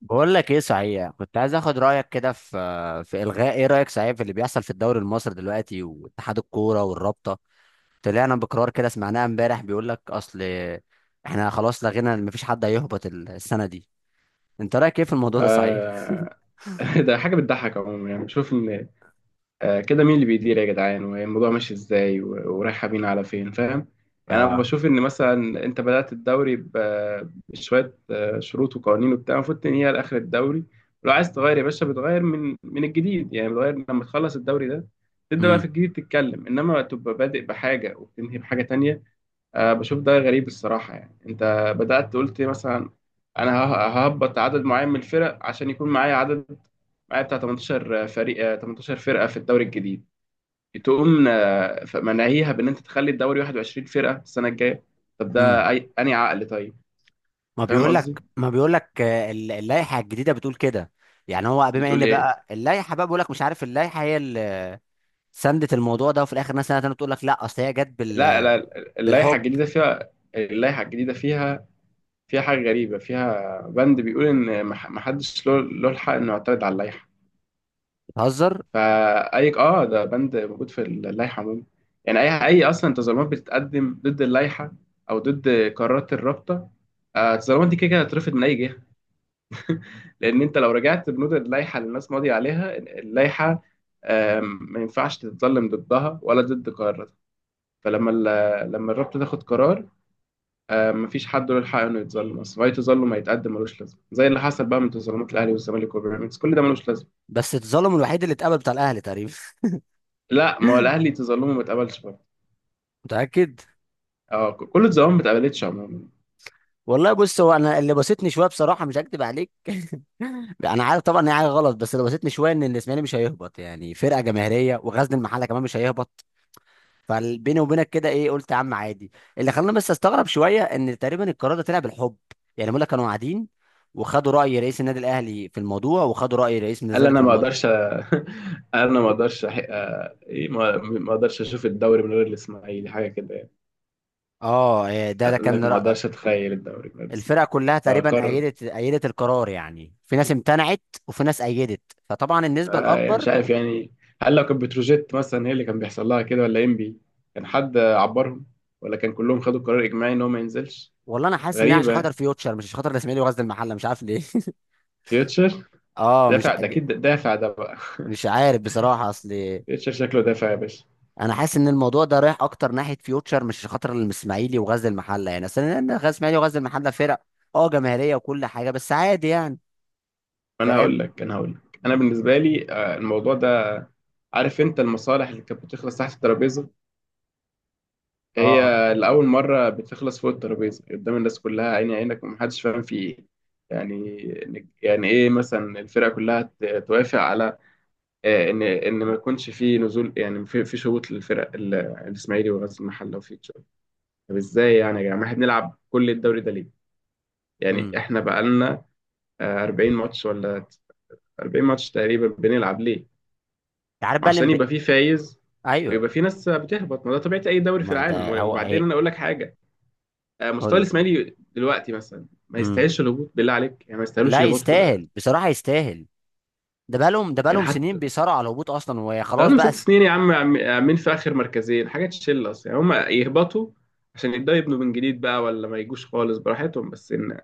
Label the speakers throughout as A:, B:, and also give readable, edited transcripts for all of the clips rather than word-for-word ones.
A: بقول لك ايه، صحيح كنت عايز اخد رايك كده في الغاء. ايه رايك، صحيح، في اللي بيحصل في الدوري المصري دلوقتي؟ واتحاد الكوره والرابطه طلعنا بقرار كده، سمعناه امبارح، بيقول لك اصل احنا خلاص لغينا، مفيش حد هيهبط السنه دي. انت رايك ايه في الموضوع ده صحيح؟
B: آه. ده حاجة بتضحك عموما، يعني بشوف إن كده مين اللي بيدير يا جدعان والموضوع ماشي إزاي ورايحة بينا على فين، فاهم؟ يعني أنا
A: اه.
B: بشوف إن مثلا أنت بدأت الدوري بشوية شروط وقوانين وبتاع المفروض تنهيها لآخر الدوري. ولو عايز تغير يا باشا بتغير من الجديد، يعني بتغير لما تخلص الدوري ده تبدأ بقى في
A: امم
B: الجديد تتكلم، إنما تبقى بادئ بحاجة وبتنهي بحاجة تانية. أه بشوف ده غريب الصراحة. يعني أنت بدأت قلت مثلا أنا ههبط عدد معين من الفرق عشان يكون معايا عدد، معايا بتاع 18 فريق، 18 فرقة في الدوري الجديد. تقوم مناهيها بإن أنت تخلي الدوري 21 فرقة السنة الجاية. طب ده
A: امم
B: أي أنهي عقل؟ طيب،
A: ما
B: فاهم
A: بيقول
B: قصدي؟
A: لك، اللائحه الجديده بتقول كده. يعني هو بما
B: بتقول
A: ان
B: إيه؟
A: بقى اللائحه بقى بيقول لك، مش عارف، اللائحه هي اللي سندت الموضوع ده، وفي الاخر ناس سنه تانية تقول لك لا اصل هي جت
B: لا
A: بال،
B: لا، اللائحة
A: بالحب.
B: الجديدة فيها، اللائحة الجديدة فيها، فيها حاجة غريبة، فيها بند بيقول إن محدش له الحق إنه يعترض على اللائحة.
A: بتهزر.
B: فاي اه ده بند موجود في اللائحه عموما. يعني اي اصلا تظلمات بتتقدم ضد اللائحه او ضد قرارات الرابطه، التظلمات دي كده كده هتترفض من اي جهه، لان انت لو رجعت بنود اللائحه اللي الناس ماضيه عليها اللائحه، ما ينفعش تتظلم ضدها ولا ضد قراراتها. فلما لما الرابطه تاخد قرار، مفيش حد له الحق انه يتظلم. اصلا اي تظلم هيتقدم ملوش لازمه زي اللي حصل بقى من تظلمات الاهلي والزمالك وبيراميدز، كل ده ملوش لازمه.
A: بس اتظلم الوحيد اللي اتقبل بتاع الاهلي تقريبا.
B: لا ما هو الاهلي تظلمه ما اتقبلش،
A: متاكد؟
B: اه كل الظواهر ما اتقبلتش عموما.
A: والله بص، هو انا اللي بسطني شويه بصراحه، مش هكدب عليك. انا عارف طبعا ان هي حاجه غلط، بس اللي بسطني شويه ان الاسماعيلي مش هيهبط، يعني فرقه جماهيريه، وغزل المحله كمان مش هيهبط. فبيني وبينك كده ايه، قلت يا عم عادي. اللي خلاني بس استغرب شويه ان تقريبا القرار ده طلع بالحب. يعني بيقول لك كانوا قاعدين وخدوا راي رئيس النادي الاهلي في الموضوع، وخدوا راي رئيس النادي
B: قال
A: الزمالك
B: انا
A: في
B: ما
A: الموضوع.
B: اقدرش قال انا ما اقدرش ايه ما اقدرش اشوف الدوري من غير الاسماعيلي، حاجه كده يعني.
A: اه إيه ده، ده
B: قال
A: كان
B: لك ما
A: رأ...
B: اقدرش اتخيل الدوري من غير
A: الفرق
B: الاسماعيلي.
A: كلها تقريبا
B: فقرر.
A: أيدت، أيدت القرار، يعني في ناس امتنعت وفي ناس أيدت، فطبعا النسبة
B: يعني
A: الأكبر.
B: مش عارف يعني، هل لو كانت بتروجيت مثلا هي اللي كان بيحصل لها كده، ولا ام بي؟ كان حد عبرهم؟ ولا كان كلهم خدوا قرار اجماعي ان هو ما ينزلش؟
A: والله أنا حاسس إنها عشان
B: غريبه
A: خاطر
B: يعني.
A: فيوتشر، مش عشان خاطر الإسماعيلي وغزل المحلة، مش عارف ليه.
B: فيوتشر،
A: أه مش ع-،
B: دافع ده اكيد، دافع ده بقى.
A: مش عارف بصراحة أصل.
B: فيوتشر شكله دافع يا باشا.
A: أنا حاسس إن الموضوع ده رايح أكتر ناحية فيوتشر مش عشان خاطر الإسماعيلي وغزل المحلة، يعني أصل إن غزل الإسماعيلي وغزل المحلة فرق أه جماهيرية وكل حاجة، بس عادي يعني.
B: انا هقول
A: فاهم.
B: لك، انا هقول لك، انا بالنسبه لي، الموضوع ده. عارف انت المصالح اللي كانت بتخلص تحت الترابيزه، هي
A: أه.
B: لاول مره بتخلص فوق الترابيزه قدام الناس كلها عيني عينك، ومحدش فاهم في ايه. يعني، يعني ايه مثلا الفرقه كلها توافق على ان ما يكونش في نزول، يعني في في شروط للفرق الاسماعيلي وغزل المحله وفيوتشر. طب ازاي يعني يا جماعه؟ احنا بنلعب كل الدوري ده ليه؟ يعني
A: أمم.
B: احنا بقالنا 40 ماتش، ولا 40 ماتش تقريبا بنلعب ليه؟
A: عارف بقى اللي
B: عشان
A: مضايق-.
B: يبقى فيه فايز،
A: أيوه.
B: ويبقى فيه ناس بتهبط. ما ده طبيعة أي دوري في
A: ما
B: العالم.
A: ده هو
B: وبعدين
A: إيه.
B: أنا أقول لك حاجة،
A: قول
B: مستوى
A: لي.
B: الإسماعيلي دلوقتي مثلا ما
A: أمم.
B: يستاهلش الهبوط، بالله عليك يعني، ما يستاهلوش
A: لا
B: يهبطوا
A: يستاهل بصراحة، يستاهل. ده
B: يعني
A: بقالهم سنين
B: حتى
A: بيصارعوا على الهبوط اصلا،
B: ده
A: وخلاص
B: لهم
A: بقى
B: ست
A: س...
B: سنين يا عم، عاملين في آخر مركزين، حاجة تشيل أصلا. يعني هم يهبطوا عشان يبدأوا يبنوا من جديد بقى، ولا ما يجوش خالص، براحتهم، بس إن مش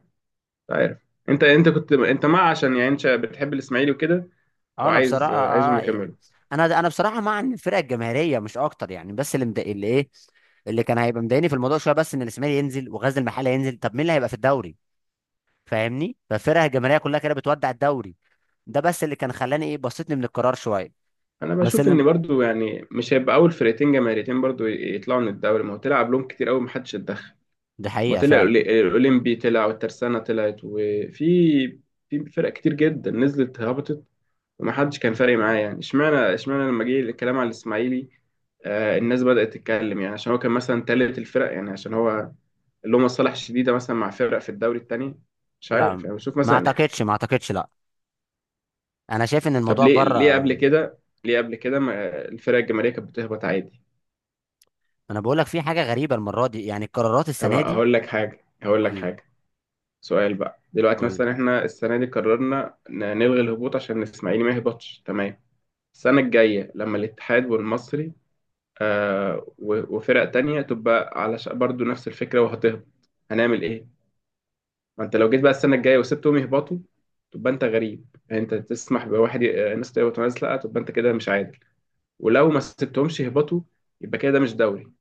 B: عارف أنت، أنت كنت أنت مع، عشان يعني أنت بتحب الإسماعيلي وكده
A: آه، انا
B: وعايز،
A: بصراحه
B: عايزهم
A: آه.
B: يكملوا.
A: انا بصراحه مع ان الفرقه الجماهيريه، مش اكتر يعني، بس اللي مضايق اللي ايه، اللي كان هيبقى مضايقني في الموضوع شويه بس ان الاسماعيلي ينزل وغزل المحله ينزل، طب مين اللي هيبقى في الدوري؟ فاهمني؟ فالفرقه الجماهيريه كلها كده بتودع الدوري. ده بس اللي كان خلاني ايه، بسطني من القرار شويه.
B: انا
A: بس
B: بشوف
A: اللي،
B: ان برضو يعني مش هيبقى اول فرقتين جماهيريتين برضو يطلعوا من الدوري. ما هو تلعب لهم كتير قوي، محدش اتدخل.
A: دي
B: ما
A: حقيقه
B: طلع
A: فعلا.
B: الاولمبي طلع، والترسانة طلعت، وفي في فرق كتير جدا نزلت هبطت، ومحدش كان فارق معاه يعني، اشمعنى لما جه الكلام على الاسماعيلي؟ آه، الناس بدأت تتكلم يعني، عشان هو كان مثلا تالت الفرق يعني، عشان هو اللي هم مصالح شديدة مثلا مع فرق في الدوري التاني. مش عارف
A: لا
B: يعني، بشوف
A: ما
B: مثلا إيه.
A: اعتقدش، ما اعتقدش، لا. انا شايف ان
B: طب
A: الموضوع
B: ليه،
A: بره.
B: قبل كده، ليه قبل كده ما الفرق الجماهيرية كانت بتهبط عادي؟
A: انا بقول لك في حاجه غريبه المره دي، يعني القرارات
B: طب
A: السنه دي.
B: هقول لك حاجة، هقول لك
A: قول لي.
B: حاجة، سؤال بقى دلوقتي:
A: قول
B: مثلا احنا السنة دي قررنا نلغي الهبوط عشان الإسماعيلي ما يهبطش، تمام؟ السنة الجاية لما الاتحاد والمصري وفرق تانية تبقى على برضو نفس الفكرة وهتهبط، هنعمل ايه؟ ما انت لو جيت بقى السنة الجاية وسبتهم يهبطوا تبقى انت غريب. يعني انت تسمح بواحد الناس تهبط وناس لا، تبقى انت كده مش عادل. ولو ما سبتهمش يهبطوا يبقى كده ده مش دوري،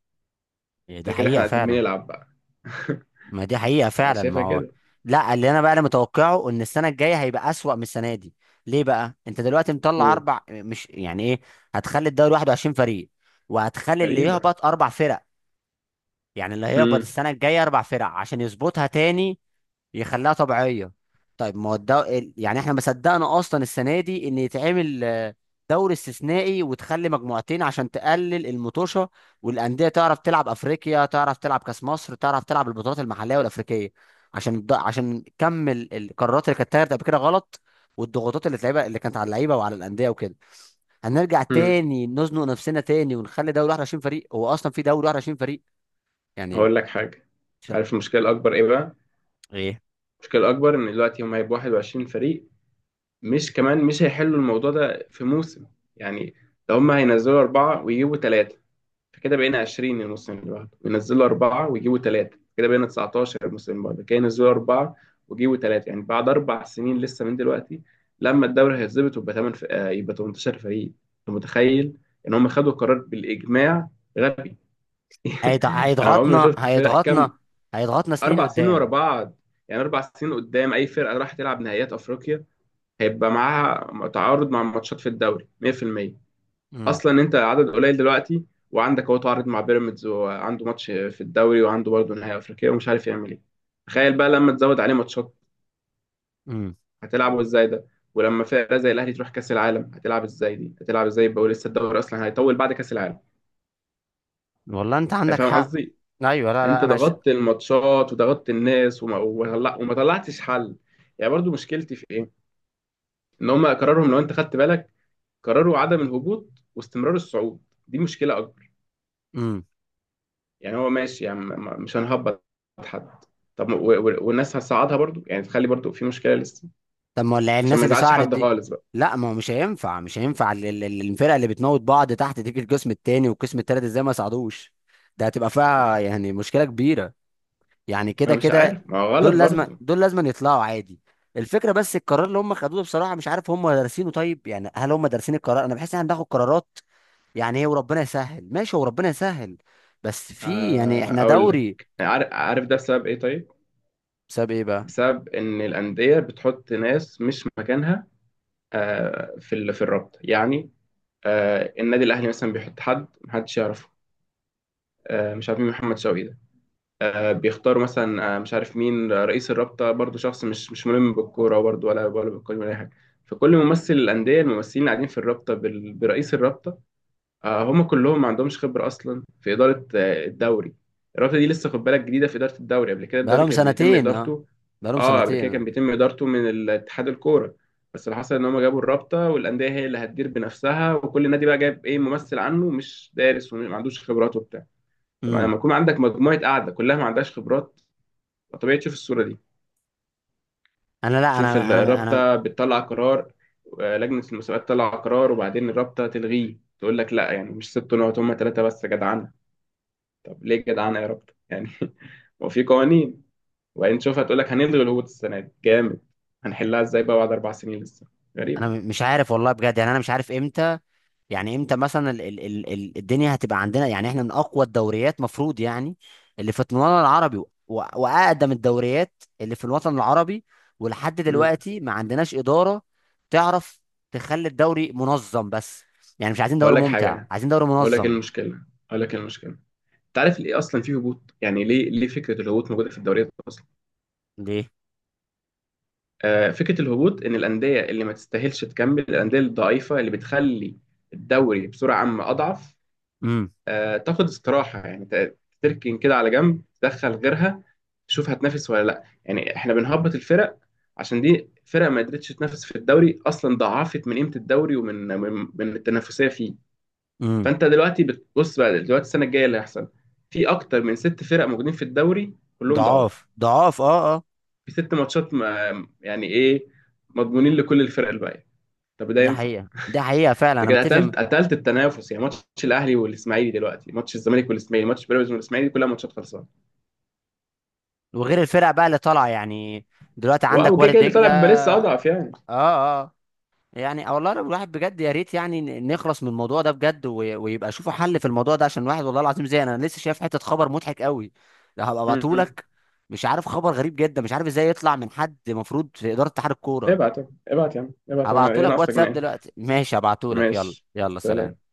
A: لي. دي
B: ده كده احنا
A: حقيقه
B: قاعدين
A: فعلا.
B: بنلعب بقى.
A: ما دي حقيقة
B: انا
A: فعلا، ما
B: شايفها
A: هو.
B: كده.
A: لا اللي انا بقى، انا متوقعه ان السنة الجاية هيبقى اسوأ من السنة دي. ليه بقى؟ انت دلوقتي مطلع
B: قول.
A: اربع، مش يعني ايه، هتخلي الدوري 21 فريق، وهتخلي اللي
B: غريبة.
A: يهبط اربع فرق، يعني اللي هيهبط
B: امم.
A: السنة الجاية اربع فرق عشان يظبطها تاني، يخليها طبيعيه. طيب ما هو الدو... ال- يعني احنا ما صدقنا اصلا السنه دي ان يتعمل دوري استثنائي وتخلي مجموعتين عشان تقلل المطوشه، والانديه تعرف تلعب افريقيا، تعرف تلعب كاس مصر، تعرف تلعب البطولات المحليه والافريقيه، عشان الد... عشان كم ال- القرارات اللي كانت اتاخدت قبل كده غلط، والضغوطات اللي اتلعبها اللي كانت على اللعيبه وعلى الانديه وكده. هنرجع
B: امم.
A: تاني نزنق نفسنا تاني، ونخلي دوري 21 فريق؟ هو اصلا في دوري 21 فريق يعني؟
B: هقول لك حاجه،
A: مش-.
B: عارف المشكله الاكبر ايه بقى؟
A: ايه.
B: المشكله الاكبر ان دلوقتي هم هيبقوا 21 فريق. مش كمان مش هيحلوا الموضوع ده في موسم، يعني لو هم هينزلوا اربعه ويجيبوا ثلاثه فكده بقينا 20 الموسم اللي بعده، وينزلوا اربعه ويجيبوا ثلاثه كده بقينا 19 الموسم اللي بعده، كده ينزلوا اربعه ويجيبوا ثلاثه، يعني بعد اربع سنين لسه من دلوقتي لما الدوري هيتظبط ويبقى 8 ف... آه، يبقى 18 فريق. انت متخيل ان هم خدوا قرار بالاجماع غبي؟ انا عمري ما
A: هيضغطنا،
B: شفت فرق كامله
A: هيضغطنا سنين
B: اربع سنين ورا
A: قدام.
B: بعض. يعني اربع سنين قدام اي فرقه راح تلعب نهائيات افريقيا هيبقى معاها تعارض مع ماتشات في الدوري 100%.
A: امم.
B: اصلا انت عدد قليل دلوقتي وعندك اهو تعارض مع بيراميدز، وعنده ماتش في الدوري وعنده برضه نهائي افريقيا ومش عارف يعمل ايه. تخيل بقى لما تزود عليه ماتشات،
A: امم.
B: هتلعبه ازاي ده؟ ولما فرقه زي الاهلي تروح كاس العالم هتلعب ازاي؟ دي هتلعب ازاي بقى؟ ولسه الدوري اصلا هيطول بعد كاس العالم.
A: والله انت
B: يعني
A: عندك
B: فاهم
A: حق.
B: قصدي؟
A: ايوه لا لا
B: انت
A: انا ش...
B: ضغطت الماتشات، وضغطت الناس، وما طلعتش حل. يعني برضو مشكلتي في إيه؟ ان هم قرارهم لو انت خدت بالك، قرروا عدم الهبوط واستمرار الصعود، دي مشكله اكبر.
A: امم.
B: يعني هو ماشي يعني، مش هنهبط حد. طب، والناس هتصعدها برضو، يعني تخلي برضو في مشكله لسه
A: طب ما ولا
B: عشان
A: الناس
B: ما
A: اللي
B: يزعلش
A: سعرت
B: حد
A: دي.
B: خالص بقى.
A: لا ما هو مش هينفع، مش هينفع الفرقه اللي بتموت بعض تحت، تيجي القسم التاني والقسم التالت ازاي ما يصعدوش؟ ده هتبقى فيها يعني مشكله كبيره، يعني كده
B: انا مش
A: كده.
B: عارف، ما هو غلط برضو.
A: دول لازم يطلعوا عادي. الفكره بس القرار اللي هم خدوه ده بصراحه مش عارف هم دارسينه، طيب يعني هل هم دارسين القرار؟ انا بحس ان احنا بناخد قرارات، يعني ايه، وربنا يسهل. ماشي، هو ربنا يسهل، بس في يعني احنا
B: اقول لك،
A: دوري.
B: عارف، ده بسبب ايه طيب؟
A: بسبب ايه بقى؟
B: بسبب ان الانديه بتحط ناس مش مكانها، في الرابطه يعني. النادي الاهلي مثلا بيحط حد محدش يعرفه، مش عارف مين محمد شوقي ده. بيختاروا مثلا، مش عارف مين، رئيس الرابطة برضو شخص مش ملم بالكورة برضو، ولا بالقانون ولا أي حاجة. فكل ممثل الأندية، الممثلين اللي قاعدين في الرابطة برئيس الرابطة، هم كلهم ما عندهمش خبرة أصلا في إدارة الدوري. الرابطة دي لسه خد بالك جديدة في إدارة الدوري. قبل كده الدوري
A: بقالهم
B: كان بيتم
A: سنتين اه،
B: إدارته،
A: بقالهم
B: اه قبل كده كان
A: سنتين.
B: بيتم إدارته من اتحاد الكورة. بس اللي حصل إن هم جابوا الرابطة، والأندية هي اللي هتدير بنفسها، وكل نادي بقى جايب إيه ممثل عنه مش دارس وما عندوش خبرات وبتاع. طبعا
A: امم.
B: لما يكون عندك مجموعة قاعدة كلها ما عندهاش خبرات، طبيعي تشوف الصورة دي.
A: انا لا
B: تشوف
A: انا انا انا
B: الرابطة بتطلع قرار، لجنة المسابقات تطلع قرار، وبعدين الرابطة تلغيه تقول لك لا، يعني مش ست نقط، هما ثلاثة بس جدعانة. طب ليه جدعانة يا رابطة يعني؟ وفي قوانين. وبعدين تشوفها تقول لك هنلغي الهبوط السنة دي جامد، هنحلها ازاي بقى بعد أربع سنين لسه؟
A: انا
B: غريبة.
A: مش عارف والله بجد، يعني انا مش عارف امتى، يعني امتى مثلا ال ال ال ال الدنيا هتبقى عندنا، يعني احنا من اقوى الدوريات مفروض، يعني اللي في الوطن العربي واقدم الدوريات اللي في الوطن العربي، ولحد
B: مم.
A: دلوقتي ما عندناش إدارة تعرف تخلي الدوري منظم بس، يعني مش عايزين
B: هقول
A: دوري
B: لك
A: ممتع،
B: حاجة،
A: عايزين دوري
B: هقول لك إيه
A: منظم.
B: المشكلة، هقول لك إيه المشكلة، انت عارف ليه اصلا في هبوط؟ يعني ليه، فكره الهبوط موجوده في الدوريات اصلا؟
A: ليه؟
B: فكره الهبوط ان الانديه اللي ما تستاهلش تكمل، الانديه الضعيفه اللي بتخلي الدوري بسرعه عامه اضعف،
A: امم.
B: تاخد استراحه يعني، تركن كده على جنب، تدخل غيرها. تشوف هتنافس ولا لا. يعني احنا بنهبط الفرق عشان دي فرق ما قدرتش تنافس في الدوري اصلا، ضعفت من قيمه الدوري ومن من التنافسيه فيه.
A: امم.
B: فانت دلوقتي بتبص بقى دلوقتي السنه الجايه اللي هيحصل، في اكتر من ست فرق موجودين في الدوري كلهم ضعاف،
A: ضعاف، ضعاف، اه اه.
B: في ست ماتشات ما يعني ايه، مضمونين لكل الفرق الباقيه. طب ده
A: ده
B: ينفع؟
A: حقيقة، ده حقيقة فعلا،
B: انت
A: انا
B: كده
A: متفق
B: قتلت،
A: م-.
B: قتلت التنافس. يعني ماتش الاهلي والاسماعيلي دلوقتي، ماتش الزمالك والاسماعيلي، ماتش بيراميدز والاسماعيلي، كلها ماتشات خلصانه.
A: وغير الفرق بقى اللي طالعة يعني، دلوقتي
B: واو،
A: عندك
B: وكده
A: وارد
B: كده اللي طالع
A: دجلة
B: بيبقى لسه
A: اه.
B: اضعف يعني.
A: اه آه. يعني والله لو الواحد بجد، يا ريت يعني نخلص من الموضوع ده بجد، ويبقى شوفوا حل في الموضوع ده، عشان الواحد والله العظيم زي انا لسه شايف حتة خبر مضحك قوي، لو هبقى
B: م- م.
A: ابعتهولك. مش عارف، خبر غريب جدا، مش عارف ازاي يطلع من حد المفروض في إدارة اتحاد الكورة.
B: ابعت، ابعت يا عم، ابعت يا عم، ايه
A: هبعتهولك
B: ناقصك؟
A: واتساب
B: ناقص.
A: دلوقتي، ماشي، هبعتهولك، يلا
B: ماشي،
A: يلا
B: سلام.
A: سلام.